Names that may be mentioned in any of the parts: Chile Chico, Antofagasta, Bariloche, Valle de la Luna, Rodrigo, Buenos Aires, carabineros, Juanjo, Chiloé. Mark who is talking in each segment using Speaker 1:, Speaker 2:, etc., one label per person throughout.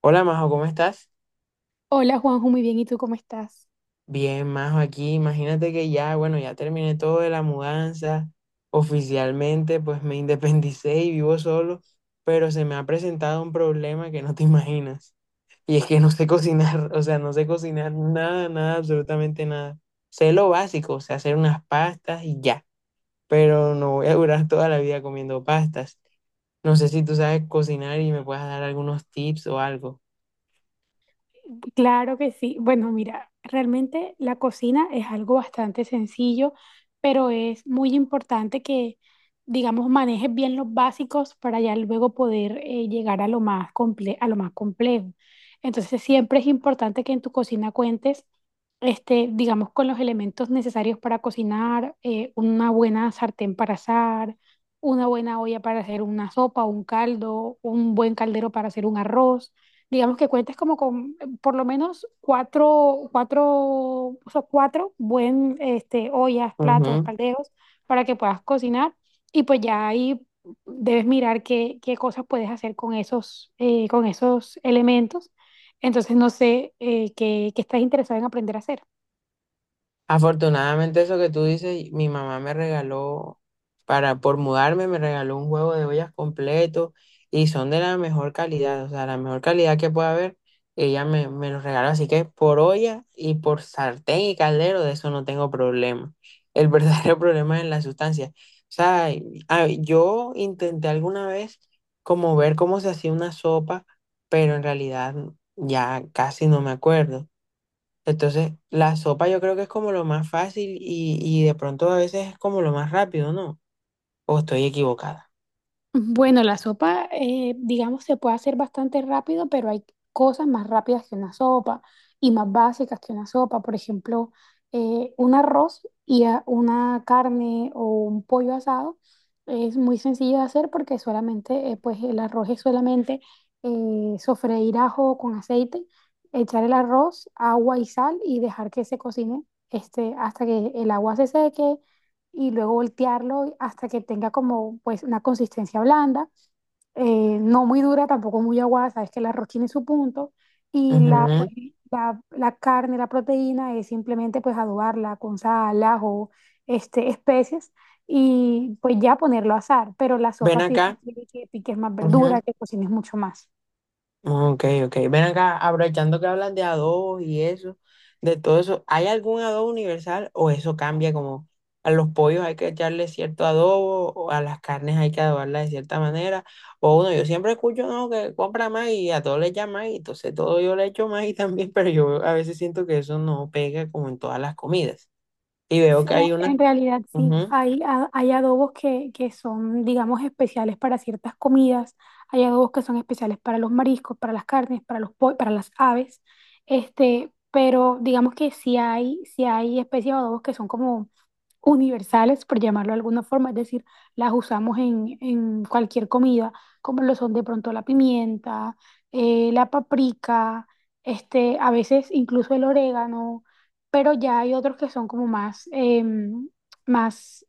Speaker 1: Hola Majo, ¿cómo estás?
Speaker 2: Hola Juanjo, muy bien, ¿y tú cómo estás?
Speaker 1: Bien, Majo, aquí. Imagínate que bueno, ya terminé todo de la mudanza. Oficialmente, pues me independicé y vivo solo, pero se me ha presentado un problema que no te imaginas. Y es que no sé cocinar, o sea, no sé cocinar nada, nada, absolutamente nada. Sé lo básico, o sea, hacer unas pastas y ya, pero no voy a durar toda la vida comiendo pastas. No sé si tú sabes cocinar y me puedas dar algunos tips o algo.
Speaker 2: Claro que sí. Bueno, mira, realmente la cocina es algo bastante sencillo, pero es muy importante que, digamos, manejes bien los básicos para ya luego poder llegar a lo más a lo más complejo. Entonces, siempre es importante que en tu cocina cuentes, este, digamos, con los elementos necesarios para cocinar, una buena sartén para asar, una buena olla para hacer una sopa, un caldo, un buen caldero para hacer un arroz, digamos que cuentes como con por lo menos cuatro, o sea, 4 este, ollas, platos, calderos para que puedas cocinar y pues ya ahí debes mirar qué cosas puedes hacer con esos elementos. Entonces, no sé qué estás interesado en aprender a hacer.
Speaker 1: Afortunadamente eso que tú dices, mi mamá me regaló, para por mudarme, me regaló un juego de ollas completo y son de la mejor calidad, o sea, la mejor calidad que pueda haber, ella me los regaló, así que por olla y por sartén y caldero, de eso no tengo problema. El verdadero problema es en la sustancia. O sea, yo intenté alguna vez como ver cómo se hacía una sopa, pero en realidad ya casi no me acuerdo. Entonces, la sopa yo creo que es como lo más fácil y de pronto a veces es como lo más rápido, ¿no? O estoy equivocada.
Speaker 2: Bueno, la sopa, digamos, se puede hacer bastante rápido, pero hay cosas más rápidas que una sopa y más básicas que una sopa. Por ejemplo, un arroz y una carne o un pollo asado es muy sencillo de hacer porque solamente, pues el arroz es solamente sofreír ajo con aceite, echar el arroz, agua y sal y dejar que se cocine, este, hasta que el agua se seque y luego voltearlo hasta que tenga como pues una consistencia blanda, no muy dura, tampoco muy aguada, sabes que el arroz tiene su punto y la, pues,
Speaker 1: Ujú.
Speaker 2: la carne, la proteína es simplemente pues adobarla con sal, ajo, este, especias y pues ya ponerlo a asar, pero la
Speaker 1: Ven
Speaker 2: sopa sí
Speaker 1: acá.
Speaker 2: requiere que piques más verdura,
Speaker 1: Ujú.
Speaker 2: que cocines mucho más.
Speaker 1: Ok, ok. Ven acá, aprovechando que hablas de adobos y eso, de todo eso, ¿hay algún adobo universal o eso cambia como a los pollos hay que echarle cierto adobo o a las carnes hay que adobarlas de cierta manera? O uno, yo siempre escucho, no, que compra más y a todo le echa más y entonces todo yo le echo más y también, pero yo a veces siento que eso no pega como en todas las comidas. Y veo
Speaker 2: Sí,
Speaker 1: que hay una...
Speaker 2: en realidad sí.
Speaker 1: Ujú.
Speaker 2: Hay, hay adobos que son, digamos, especiales para ciertas comidas. Hay adobos que son especiales para los mariscos, para las carnes, para los para las aves. Este, pero digamos que sí hay especies de adobos que son como universales, por llamarlo de alguna forma, es decir, las usamos en cualquier comida, como lo son de pronto la pimienta, la paprika, este, a veces incluso el orégano, pero ya hay otros que son como más, más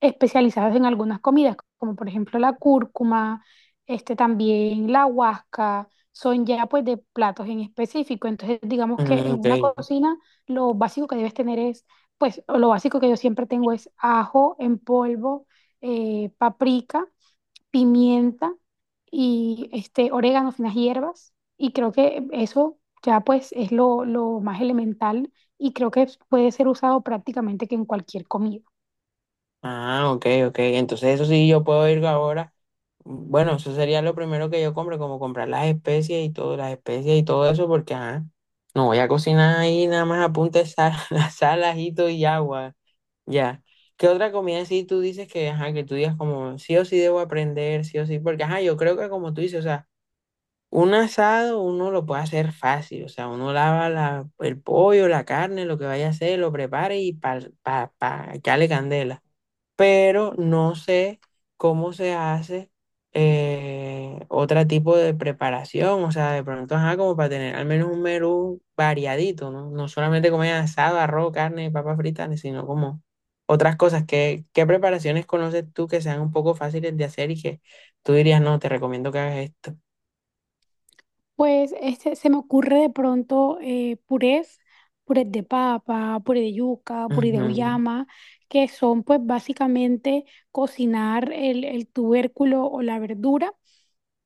Speaker 2: especializadas en algunas comidas, como por ejemplo la cúrcuma, este también la huasca, son ya pues de platos en específico. Entonces, digamos que
Speaker 1: Mm.
Speaker 2: en
Speaker 1: Ok.
Speaker 2: una cocina lo básico que debes tener es, pues o lo básico que yo siempre tengo es ajo en polvo, paprika, pimienta y este orégano, finas hierbas. Y creo que eso ya pues es lo más elemental y creo que puede ser usado prácticamente que en cualquier comida.
Speaker 1: Ah, ok, ok. Entonces eso sí, yo puedo ir ahora. Bueno, eso sería lo primero que yo compre, como comprar las especies y todo eso, porque ajá, no voy a cocinar ahí, nada más apunte sal, sal, ajito y agua. Ya. ¿Qué otra comida sí tú dices que, ajá, que tú digas como sí o sí debo aprender, sí o sí? Porque, ajá, yo creo que como tú dices, o sea, un asado uno lo puede hacer fácil, o sea, uno lava el pollo, la carne, lo que vaya a hacer, lo prepara y pa, pa, pa, echarle candela. Pero no sé cómo se hace otro tipo de preparación, o sea, de pronto, ajá, como para tener al menos un menú variadito, ¿no? No solamente comer asado, arroz, carne, papas fritas, sino como otras cosas. ¿Qué preparaciones conoces tú que sean un poco fáciles de hacer y que tú dirías, no, te recomiendo que hagas esto?
Speaker 2: Pues este, se me ocurre de pronto purés, purés de papa, puré de yuca, puré de
Speaker 1: Ujú.
Speaker 2: auyama, que son pues básicamente cocinar el tubérculo o la verdura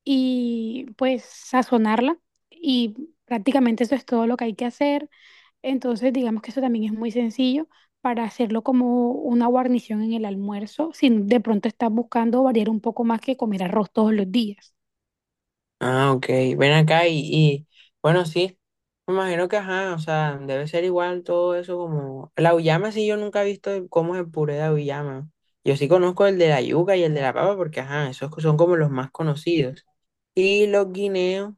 Speaker 2: y pues sazonarla y prácticamente eso es todo lo que hay que hacer. Entonces digamos que eso también es muy sencillo para hacerlo como una guarnición en el almuerzo, si de pronto estás buscando variar un poco más que comer arroz todos los días.
Speaker 1: Ah, ok. Ven acá bueno, sí. Me imagino que, ajá, o sea, debe ser igual todo eso como... La auyama sí yo nunca he visto cómo es el puré de auyama. Yo sí conozco el de la yuca y el de la papa porque, ajá, esos son como los más conocidos. Y los guineos,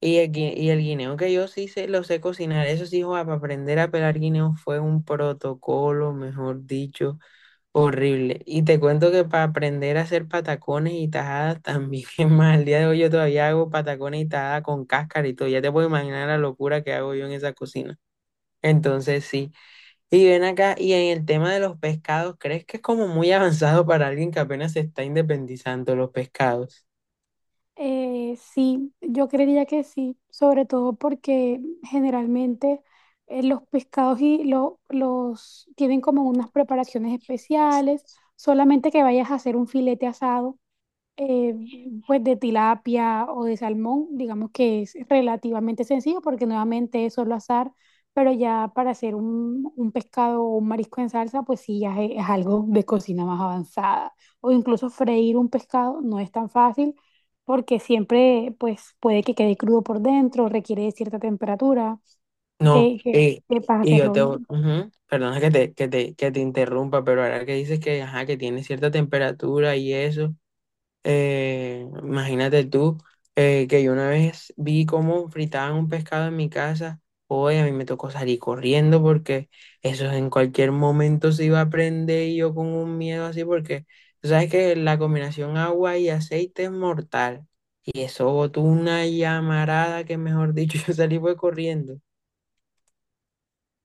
Speaker 1: y el guineo que yo sí sé lo sé cocinar. Eso sí, joa, para aprender a pelar guineos fue un protocolo, mejor dicho. Horrible. Y te cuento que para aprender a hacer patacones y tajadas también es más. Al día de hoy yo todavía hago patacones y tajadas con cáscara y todo. Ya te puedo imaginar la locura que hago yo en esa cocina. Entonces sí. Y ven acá, y en el tema de los pescados, ¿crees que es como muy avanzado para alguien que apenas se está independizando los pescados?
Speaker 2: Sí, yo creería que sí, sobre todo porque generalmente los pescados y los tienen como unas preparaciones especiales, solamente que vayas a hacer un filete asado, eh, pues de tilapia o de salmón, digamos que es relativamente sencillo porque nuevamente es solo azar, pero ya para hacer un pescado o un marisco en salsa, pues sí, ya es algo de cocina más avanzada. O incluso freír un pescado no es tan fácil porque siempre pues puede que quede crudo por dentro, requiere de cierta temperatura,
Speaker 1: No, eh,
Speaker 2: que para
Speaker 1: y yo
Speaker 2: hacerlo
Speaker 1: te... voy-
Speaker 2: bien.
Speaker 1: Ujú. Perdona que te interrumpa, pero ahora que dices que, ajá, que tiene cierta temperatura y eso. Imagínate tú que yo una vez vi cómo fritaban un pescado en mi casa. Hoy a mí me tocó salir corriendo porque eso en cualquier momento se iba a prender y yo con un miedo así porque tú sabes que la combinación agua y aceite es mortal. Y eso botó una llamarada que mejor dicho yo salí fue corriendo.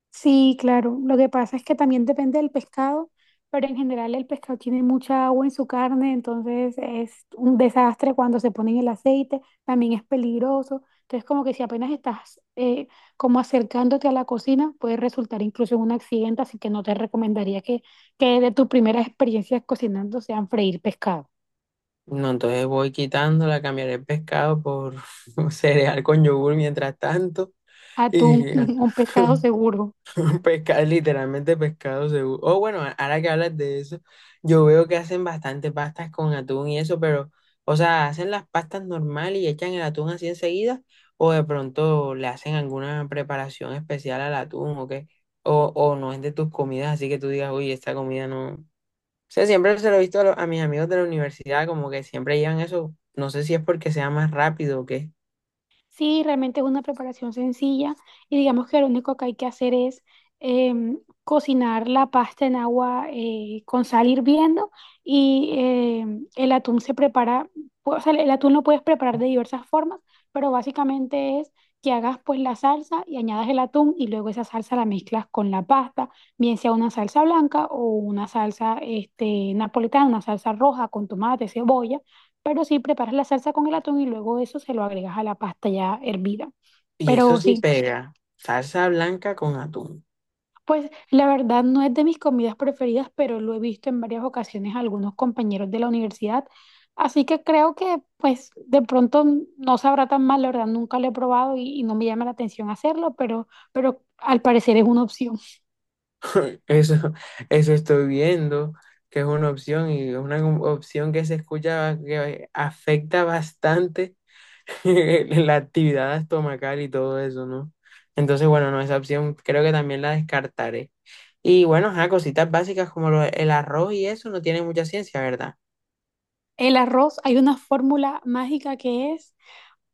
Speaker 2: Sí, claro. Lo que pasa es que también depende del pescado, pero en general el pescado tiene mucha agua en su carne, entonces es un desastre cuando se pone en el aceite, también es peligroso. Entonces como que si apenas estás como acercándote a la cocina, puede resultar incluso en un accidente, así que no te recomendaría que de tus primeras experiencias cocinando sean freír pescado.
Speaker 1: No, entonces voy quitándola, cambiaré el pescado por cereal con yogur mientras tanto. Y,
Speaker 2: Atún, un pescado seguro.
Speaker 1: Pesca, literalmente pescado seguro. Oh, bueno, ahora que hablas de eso, yo veo que hacen bastante pastas con atún y eso, pero, o sea, hacen las pastas normal y echan el atún así enseguida, o de pronto le hacen alguna preparación especial al atún o qué, o no es de tus comidas, así que tú digas, uy, esta comida no. O sea, siempre se lo he visto a, a mis amigos de la universidad, como que siempre llevan eso, no sé si es porque sea más rápido o qué.
Speaker 2: Sí, realmente es una preparación sencilla y digamos que lo único que hay que hacer es em, cocinar la pasta en agua con sal hirviendo y, el atún se prepara, pues, o sea, el atún lo puedes preparar de diversas formas, pero básicamente es que hagas pues la salsa y añadas el atún y luego esa salsa la mezclas con la pasta, bien sea una salsa blanca o una salsa este, napolitana, una salsa roja con tomate, cebolla, pero sí, preparas la salsa con el atún y luego eso se lo agregas a la pasta ya hervida.
Speaker 1: Y eso
Speaker 2: Pero
Speaker 1: sí
Speaker 2: sí,
Speaker 1: pega, salsa blanca con atún.
Speaker 2: pues la verdad no es de mis comidas preferidas, pero lo he visto en varias ocasiones a algunos compañeros de la universidad. Así que creo que pues de pronto no sabrá tan mal, la verdad nunca lo he probado y no me llama la atención hacerlo, pero al parecer es una opción.
Speaker 1: Eso, eso estoy viendo, que es una opción y es una opción que se escucha que afecta bastante la actividad estomacal y todo eso, ¿no? Entonces, bueno, no, esa opción creo que también la descartaré. Y bueno, ajá, cositas básicas como el arroz y eso no tiene mucha ciencia, ¿verdad?
Speaker 2: El arroz, hay una fórmula mágica que es: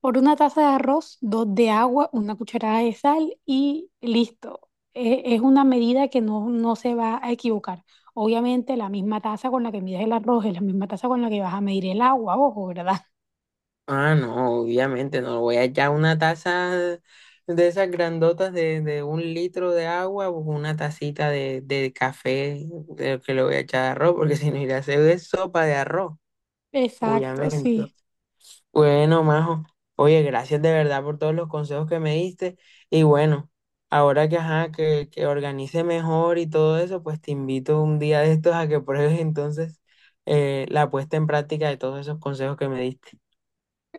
Speaker 2: por una taza de arroz, 2 de agua, una cucharada de sal y listo. Es una medida que no, no se va a equivocar. Obviamente la misma taza con la que mides el arroz es la misma taza con la que vas a medir el agua, ojo, ¿verdad?
Speaker 1: Ah, no, obviamente no. Voy a echar una taza de esas grandotas de un litro de agua o una tacita de café de que le voy a echar de arroz, porque si no iré a hacer es sopa de arroz,
Speaker 2: Exacto,
Speaker 1: obviamente.
Speaker 2: sí.
Speaker 1: Bueno, Majo, oye, gracias de verdad por todos los consejos que me diste. Y bueno, ahora que, ajá, que organice mejor y todo eso, pues te invito un día de estos a que pruebes entonces la puesta en práctica de todos esos consejos que me diste.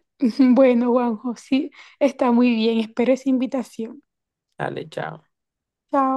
Speaker 2: Bueno, Juanjo, sí, está muy bien. Espero esa invitación.
Speaker 1: Dale, chao.
Speaker 2: Chao.